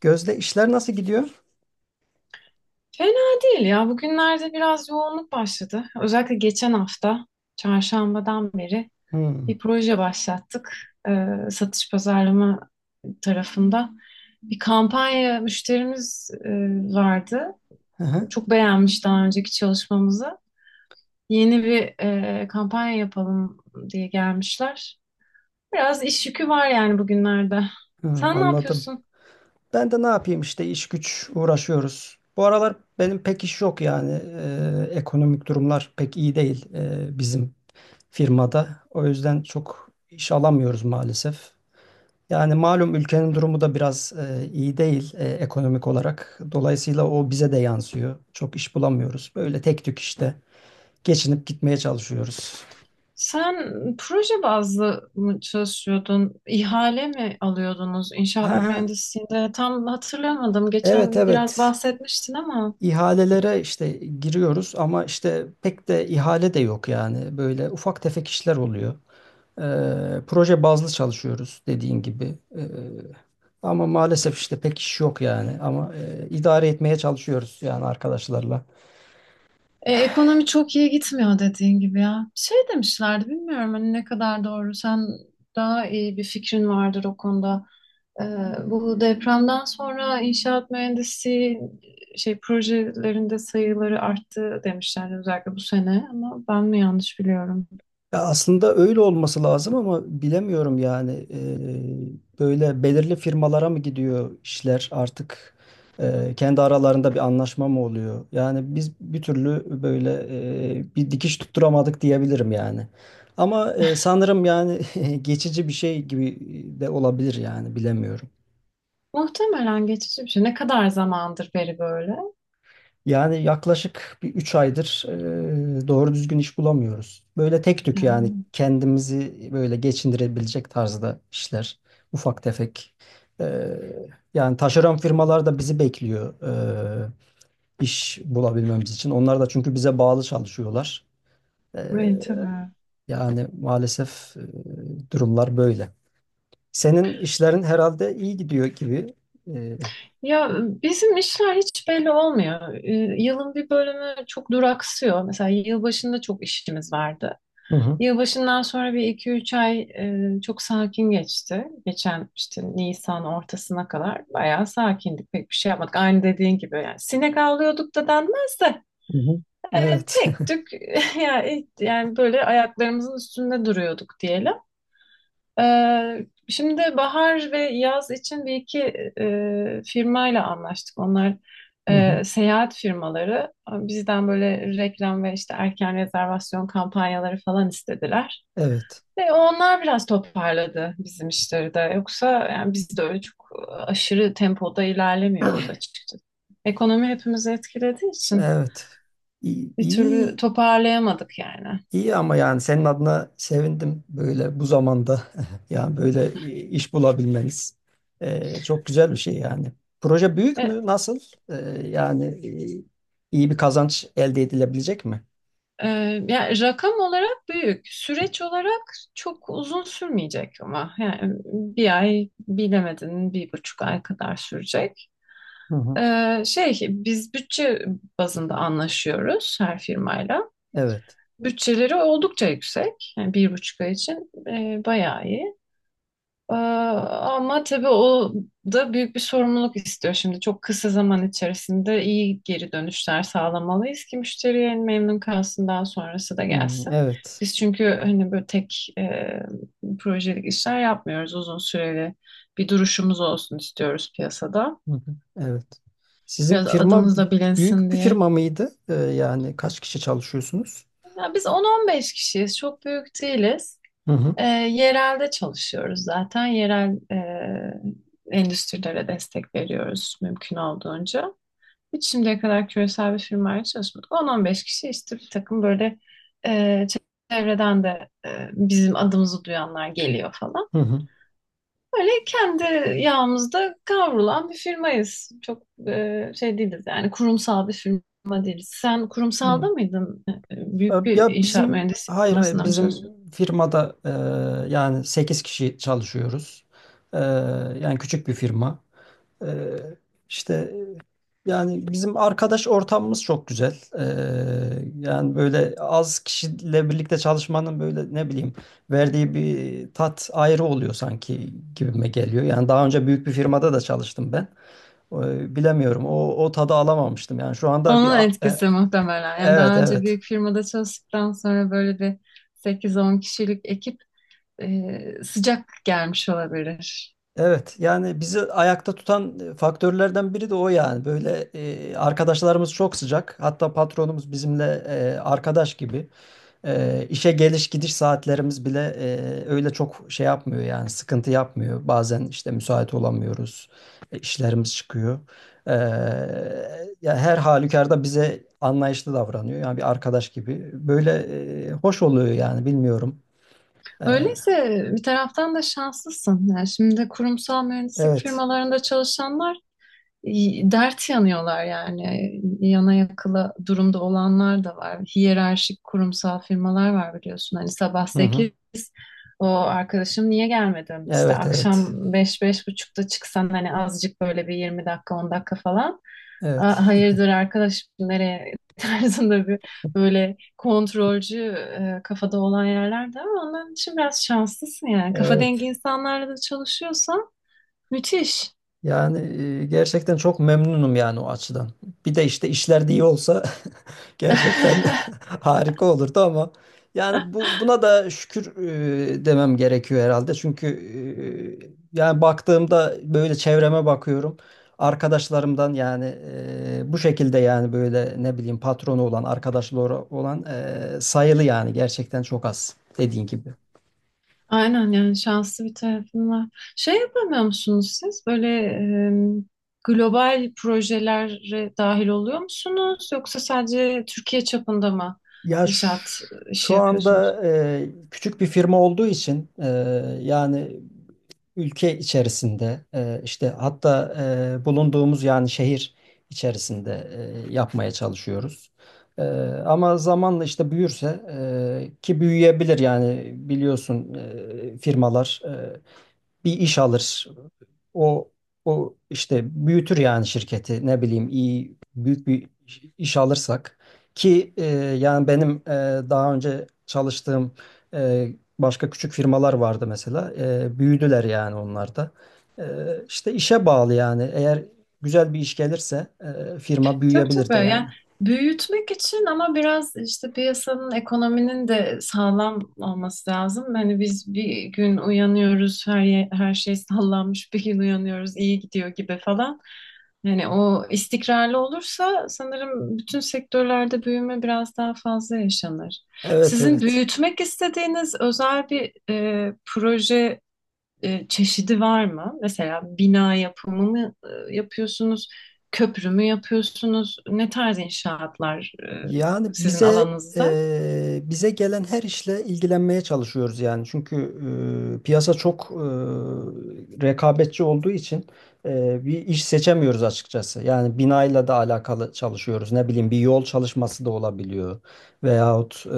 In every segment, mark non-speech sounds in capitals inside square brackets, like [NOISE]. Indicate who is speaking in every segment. Speaker 1: Gözde işler nasıl gidiyor?
Speaker 2: Fena değil ya. Bugünlerde biraz yoğunluk başladı. Özellikle geçen hafta çarşambadan beri
Speaker 1: Hmm.
Speaker 2: bir proje başlattık. Ee, satış pazarlama tarafında bir kampanya müşterimiz vardı.
Speaker 1: Hı hı.
Speaker 2: Çok beğenmiş daha önceki çalışmamızı. Yeni bir kampanya yapalım diye gelmişler. Biraz iş yükü var yani bugünlerde.
Speaker 1: Hı,
Speaker 2: Sen ne
Speaker 1: anladım.
Speaker 2: yapıyorsun?
Speaker 1: Ben de ne yapayım işte iş güç uğraşıyoruz. Bu aralar benim pek iş yok yani. Ekonomik durumlar pek iyi değil bizim firmada. O yüzden çok iş alamıyoruz maalesef. Yani malum ülkenin durumu da biraz iyi değil ekonomik olarak. Dolayısıyla o bize de yansıyor. Çok iş bulamıyoruz. Böyle tek tük işte geçinip gitmeye çalışıyoruz.
Speaker 2: Sen proje bazlı mı çalışıyordun? İhale mi alıyordunuz
Speaker 1: Ha,
Speaker 2: inşaat
Speaker 1: ha,
Speaker 2: mühendisliğinde? Tam hatırlamadım.
Speaker 1: evet
Speaker 2: Geçen biraz
Speaker 1: evet.
Speaker 2: bahsetmiştin ama
Speaker 1: İhalelere işte giriyoruz ama işte pek de ihale de yok yani. Böyle ufak tefek işler oluyor. Proje bazlı çalışıyoruz dediğin gibi. Ama maalesef işte pek iş yok yani. Ama idare etmeye çalışıyoruz yani arkadaşlarla.
Speaker 2: Ekonomi çok iyi gitmiyor dediğin gibi ya. Şey demişlerdi, bilmiyorum hani ne kadar doğru. Sen daha iyi bir fikrin vardır o konuda. Ee, Bu depremden sonra inşaat mühendisi şey projelerinde sayıları arttı demişlerdi özellikle bu sene, ama ben mi yanlış biliyorum?
Speaker 1: Ya aslında öyle olması lazım ama bilemiyorum yani. Böyle belirli firmalara mı gidiyor işler artık? Kendi aralarında bir anlaşma mı oluyor? Yani biz bir türlü böyle bir dikiş tutturamadık diyebilirim yani. Ama sanırım yani [LAUGHS] geçici bir şey gibi de olabilir yani bilemiyorum.
Speaker 2: Muhtemelen geçici bir şey. Ne kadar zamandır beri böyle?
Speaker 1: Yani yaklaşık bir 3 aydır doğru düzgün iş bulamıyoruz. Böyle tek tük
Speaker 2: Ee,
Speaker 1: yani kendimizi böyle geçindirebilecek tarzda işler. Ufak tefek. E, Yani taşeron firmalar da bizi bekliyor e, iş bulabilmemiz için. Onlar da çünkü bize bağlı çalışıyorlar. E,
Speaker 2: Evet, tabii.
Speaker 1: Yani maalesef durumlar böyle. Senin işlerin herhalde iyi gidiyor gibi. E,
Speaker 2: Ya bizim işler hiç belli olmuyor. Yılın bir bölümü çok duraksıyor. Mesela yılbaşında çok işimiz vardı.
Speaker 1: Hı hı.
Speaker 2: Yılbaşından sonra bir iki üç ay çok sakin geçti. Geçen işte Nisan ortasına kadar bayağı sakindik. Pek bir şey yapmadık. Aynı dediğin gibi yani, sinek avlıyorduk da denmez de
Speaker 1: Hı hı. Evet.
Speaker 2: tek tük [LAUGHS] yani, yani böyle ayaklarımızın üstünde duruyorduk diyelim. E, şimdi bahar ve yaz için bir iki firmayla anlaştık. Onlar
Speaker 1: [LAUGHS] Hı hı.
Speaker 2: seyahat firmaları bizden böyle reklam ve işte erken rezervasyon kampanyaları falan istediler.
Speaker 1: Evet.
Speaker 2: Ve onlar biraz toparladı bizim işleri de. Yoksa yani biz de öyle çok aşırı tempoda ilerlemiyoruz açıkçası. Ekonomi hepimizi etkilediği için
Speaker 1: Evet. İyi,
Speaker 2: bir türlü
Speaker 1: iyi,
Speaker 2: toparlayamadık yani.
Speaker 1: iyi ama yani senin adına sevindim böyle bu zamanda [LAUGHS] yani böyle iş bulabilmeniz. Çok güzel bir şey yani. Proje büyük
Speaker 2: Ve
Speaker 1: mü? Nasıl? Ee, Yani iyi bir kazanç elde edilebilecek mi?
Speaker 2: e, yani rakam olarak büyük, süreç olarak çok uzun sürmeyecek, ama yani bir ay, bilemedin bir buçuk ay kadar sürecek.
Speaker 1: Hı hı.
Speaker 2: Şey, biz bütçe bazında anlaşıyoruz her firmayla.
Speaker 1: Evet.
Speaker 2: Bütçeleri oldukça yüksek. Yani bir buçuk ay için bayağı iyi. Ama tabii o da büyük bir sorumluluk istiyor şimdi. Çok kısa zaman içerisinde iyi geri dönüşler sağlamalıyız ki müşteriye memnun kalsın, daha sonrası da
Speaker 1: Hı.
Speaker 2: gelsin.
Speaker 1: Evet.
Speaker 2: Biz çünkü hani böyle tek projelik işler yapmıyoruz. Uzun süreli bir duruşumuz olsun istiyoruz piyasada.
Speaker 1: Hı hı. Evet. Sizin
Speaker 2: Biraz
Speaker 1: firma
Speaker 2: adımız da bilinsin
Speaker 1: büyük bir
Speaker 2: diye.
Speaker 1: firma mıydı? Yani kaç kişi çalışıyorsunuz?
Speaker 2: Ya biz 10-15 kişiyiz. Çok büyük değiliz.
Speaker 1: Hı hı.
Speaker 2: Yerelde çalışıyoruz zaten. Yerel endüstrilere destek veriyoruz mümkün olduğunca. Hiç şimdiye kadar küresel bir firmayla çalışmadık. 10 beş kişi işte bir takım böyle e, çevreden de bizim adımızı duyanlar geliyor falan.
Speaker 1: Hı
Speaker 2: Böyle kendi yağımızda kavrulan bir firmayız. Çok şey değiliz yani, kurumsal bir firma değiliz. Sen kurumsalda
Speaker 1: hı.
Speaker 2: mıydın? Büyük bir
Speaker 1: Ya
Speaker 2: inşaat
Speaker 1: bizim
Speaker 2: mühendisliği
Speaker 1: hayır hayır
Speaker 2: firmasında mı
Speaker 1: bizim
Speaker 2: çalışıyorsun?
Speaker 1: firmada yani 8 kişi çalışıyoruz. E, Yani küçük bir firma. E, işte yani bizim arkadaş ortamımız çok güzel. Yani böyle az kişiyle birlikte çalışmanın böyle ne bileyim verdiği bir tat ayrı oluyor sanki gibime geliyor. Yani daha önce büyük bir firmada da çalıştım ben. Bilemiyorum o tadı alamamıştım. Yani şu anda
Speaker 2: Onun
Speaker 1: bir
Speaker 2: etkisi muhtemelen. Yani
Speaker 1: evet
Speaker 2: daha önce
Speaker 1: evet.
Speaker 2: büyük firmada çalıştıktan sonra böyle bir sekiz on kişilik ekip sıcak gelmiş olabilir.
Speaker 1: Evet yani bizi ayakta tutan faktörlerden biri de o yani. Böyle arkadaşlarımız çok sıcak. Hatta patronumuz bizimle arkadaş gibi. İşe geliş gidiş saatlerimiz bile öyle çok şey yapmıyor yani sıkıntı yapmıyor. Bazen işte müsait olamıyoruz. İşlerimiz çıkıyor. E, Ya her halükarda bize anlayışlı davranıyor. Yani bir arkadaş gibi. Böyle hoş oluyor yani bilmiyorum. E,
Speaker 2: Öyleyse bir taraftan da şanslısın. Yani şimdi kurumsal mühendislik
Speaker 1: evet.
Speaker 2: firmalarında çalışanlar dert yanıyorlar yani. Yana yakıla durumda olanlar da var. Hiyerarşik kurumsal firmalar var biliyorsun. Hani sabah
Speaker 1: Hı hı.
Speaker 2: sekiz, o arkadaşım niye gelmedin? İşte
Speaker 1: Evet evet.
Speaker 2: akşam 5 beş buçukta çıksan, hani azıcık böyle bir 20 dakika 10 dakika falan. "Aa,
Speaker 1: Evet. [LAUGHS]
Speaker 2: hayırdır arkadaşım, nereye?" [LAUGHS] tarzında bir böyle kontrolcü kafada olan yerlerde, ama ondan için biraz şanslısın yani. Kafa
Speaker 1: Ee,
Speaker 2: dengi insanlarla da çalışıyorsan müthiş.
Speaker 1: Yani gerçekten çok memnunum yani o açıdan. Bir de işte işler de iyi olsa [LAUGHS] gerçekten
Speaker 2: [LAUGHS]
Speaker 1: [LAUGHS] harika olurdu ama yani bu buna da şükür demem gerekiyor herhalde. Çünkü yani baktığımda böyle çevreme bakıyorum. Arkadaşlarımdan yani bu şekilde yani böyle ne bileyim patronu olan, arkadaşları olan sayılı yani gerçekten çok az dediğin gibi.
Speaker 2: Aynen, yani şanslı bir tarafın var. Şey yapamıyor musunuz siz? Böyle e, global projelere dahil oluyor musunuz? Yoksa sadece Türkiye çapında mı
Speaker 1: Ya
Speaker 2: inşaat
Speaker 1: şu
Speaker 2: işi yapıyorsunuz?
Speaker 1: anda küçük bir firma olduğu için yani ülke içerisinde işte hatta bulunduğumuz yani şehir içerisinde yapmaya çalışıyoruz. E, Ama zamanla işte büyürse ki büyüyebilir yani biliyorsun firmalar bir iş alır. O o işte büyütür yani şirketi ne bileyim iyi büyük bir iş alırsak ki yani benim daha önce çalıştığım e, başka küçük firmalar vardı mesela. Büyüdüler yani onlar da e, işte işe bağlı yani eğer güzel bir iş gelirse firma
Speaker 2: Tabii,
Speaker 1: büyüyebilir de
Speaker 2: tabii. Yani
Speaker 1: yani.
Speaker 2: büyütmek için ama biraz işte piyasanın, ekonominin de sağlam olması lazım. Hani biz bir gün uyanıyoruz, her şey sallanmış, bir gün uyanıyoruz, iyi gidiyor gibi falan. Yani o istikrarlı olursa sanırım bütün sektörlerde büyüme biraz daha fazla yaşanır.
Speaker 1: Evet
Speaker 2: Sizin
Speaker 1: evet.
Speaker 2: büyütmek istediğiniz özel bir proje çeşidi var mı? Mesela bina yapımı mı yapıyorsunuz? Köprü mü yapıyorsunuz? Ne tarz inşaatlar
Speaker 1: Yani
Speaker 2: sizin alanınızda?
Speaker 1: bize gelen her işle ilgilenmeye çalışıyoruz yani. Çünkü piyasa çok rekabetçi olduğu için bir iş seçemiyoruz açıkçası. Yani binayla da alakalı çalışıyoruz. Ne bileyim bir yol çalışması da olabiliyor. Veyahut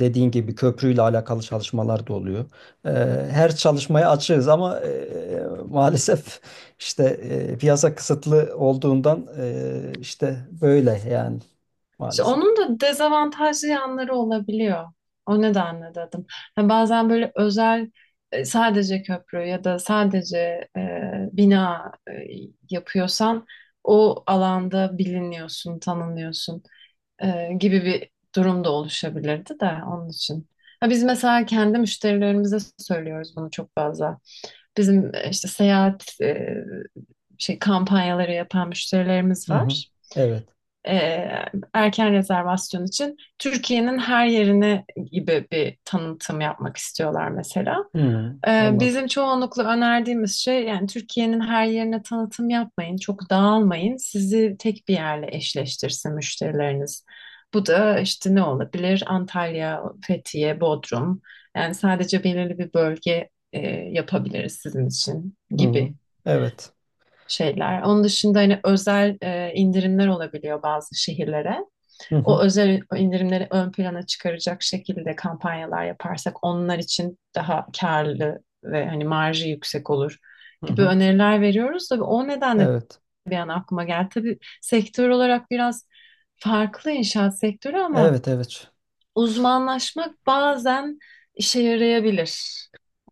Speaker 1: dediğin gibi köprüyle alakalı çalışmalar da oluyor. Her çalışmaya açığız ama maalesef işte piyasa kısıtlı olduğundan işte böyle yani
Speaker 2: İşte
Speaker 1: maalesef.
Speaker 2: onun da dezavantajlı yanları olabiliyor. O nedenle dedim. Ha, bazen böyle özel sadece köprü ya da sadece e, bina yapıyorsan o alanda biliniyorsun, tanınıyorsun gibi bir durum da oluşabilirdi de onun için. Ha, biz mesela kendi müşterilerimize söylüyoruz bunu çok fazla. Bizim işte seyahat şey kampanyaları yapan müşterilerimiz
Speaker 1: Hı hı.
Speaker 2: var,
Speaker 1: Evet.
Speaker 2: e, erken rezervasyon için Türkiye'nin her yerine gibi bir tanıtım yapmak istiyorlar mesela.
Speaker 1: Hı hı. Anladım.
Speaker 2: Bizim çoğunlukla önerdiğimiz şey yani, Türkiye'nin her yerine tanıtım yapmayın, çok dağılmayın, sizi tek bir yerle eşleştirsin müşterileriniz. Bu da işte ne olabilir? Antalya, Fethiye, Bodrum. Yani sadece belirli bir bölge yapabiliriz sizin için
Speaker 1: Hı hı.
Speaker 2: gibi
Speaker 1: Evet.
Speaker 2: şeyler. Onun dışında hani özel indirimler olabiliyor bazı şehirlere,
Speaker 1: Hı
Speaker 2: o
Speaker 1: hı.
Speaker 2: özel indirimleri ön plana çıkaracak şekilde kampanyalar yaparsak onlar için daha karlı ve hani marjı yüksek olur
Speaker 1: Hı
Speaker 2: gibi
Speaker 1: hı.
Speaker 2: öneriler veriyoruz. Tabii o nedenle
Speaker 1: Evet.
Speaker 2: bir an aklıma geldi. Tabii sektör olarak biraz farklı, inşaat sektörü ama
Speaker 1: Evet evet.
Speaker 2: uzmanlaşmak bazen işe yarayabilir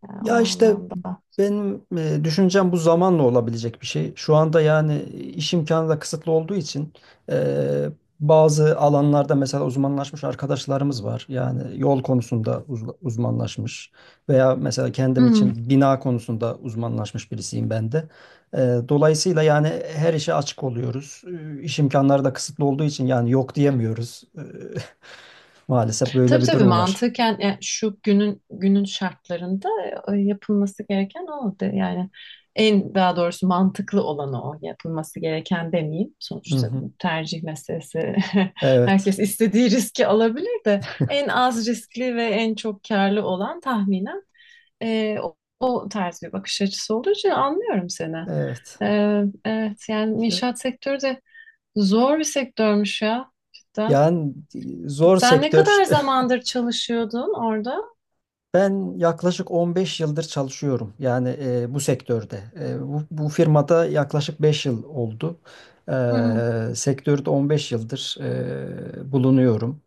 Speaker 2: yani o
Speaker 1: Ya işte
Speaker 2: anlamda.
Speaker 1: benim düşüncem bu zamanla olabilecek bir şey. Şu anda yani iş imkanı da kısıtlı olduğu için e, bazı alanlarda mesela uzmanlaşmış arkadaşlarımız var. Yani yol konusunda uzmanlaşmış veya mesela kendim
Speaker 2: Hmm.
Speaker 1: için bina konusunda uzmanlaşmış birisiyim ben de. E, Dolayısıyla yani her işe açık oluyoruz. İş imkanları da kısıtlı olduğu için yani yok diyemiyoruz. [LAUGHS] Maalesef böyle
Speaker 2: Tabii,
Speaker 1: bir
Speaker 2: tabii,
Speaker 1: durum var.
Speaker 2: mantıken yani şu günün günün şartlarında yapılması gereken yani en, daha doğrusu mantıklı olanı o, yapılması gereken demeyeyim,
Speaker 1: Hı
Speaker 2: sonuçta
Speaker 1: hı.
Speaker 2: bu tercih meselesi. [LAUGHS]
Speaker 1: Evet,
Speaker 2: Herkes istediği riski alabilir, de en az riskli ve en çok karlı olan tahminen o tarz bir bakış açısı olduğu için anlıyorum seni.
Speaker 1: evet.
Speaker 2: Evet, yani
Speaker 1: Ya-
Speaker 2: inşaat sektörü de zor bir sektörmüş ya cidden.
Speaker 1: Yani zor
Speaker 2: Sen ne
Speaker 1: sektör.
Speaker 2: kadar
Speaker 1: [LAUGHS]
Speaker 2: zamandır çalışıyordun orada?
Speaker 1: Ben yaklaşık 15 yıldır çalışıyorum. Yani bu sektörde. Bu firmada yaklaşık 5 yıl oldu. E,
Speaker 2: Hı hı.
Speaker 1: Sektörde 15 yıldır bulunuyorum.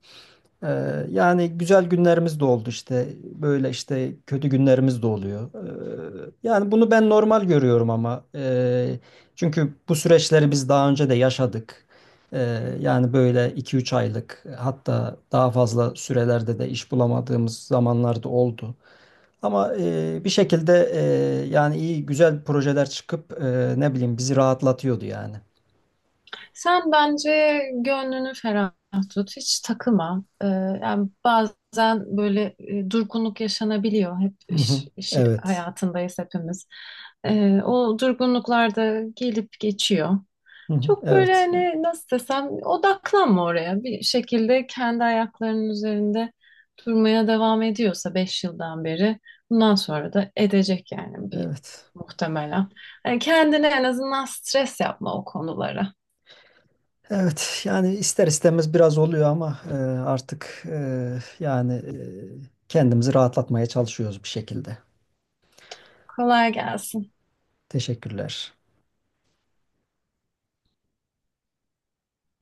Speaker 1: Yani güzel günlerimiz de oldu işte. Böyle işte kötü günlerimiz de oluyor. Yani bunu ben normal görüyorum ama çünkü bu süreçleri biz daha önce de yaşadık. Ee, Yani böyle iki üç aylık hatta daha fazla sürelerde de iş bulamadığımız zamanlarda oldu. Ama bir şekilde yani iyi güzel projeler çıkıp ne bileyim bizi rahatlatıyordu yani.
Speaker 2: Sen bence gönlünü ferah tut, hiç takıma. Yani bazen böyle durgunluk yaşanabiliyor. Hep
Speaker 1: Hı hı.
Speaker 2: iş, iş
Speaker 1: Evet.
Speaker 2: hayatındayız hepimiz. O durgunluklar da gelip geçiyor.
Speaker 1: Hı hı.
Speaker 2: Çok böyle
Speaker 1: Evet.
Speaker 2: hani nasıl desem odaklanma oraya. Bir şekilde kendi ayaklarının üzerinde durmaya devam ediyorsa 5 yıldan beri, bundan sonra da edecek yani bir
Speaker 1: Evet.
Speaker 2: muhtemelen. Hani kendine en azından stres yapma o konulara.
Speaker 1: Evet yani ister istemez biraz oluyor ama artık yani kendimizi rahatlatmaya çalışıyoruz bir şekilde.
Speaker 2: Kolay gelsin.
Speaker 1: Teşekkürler.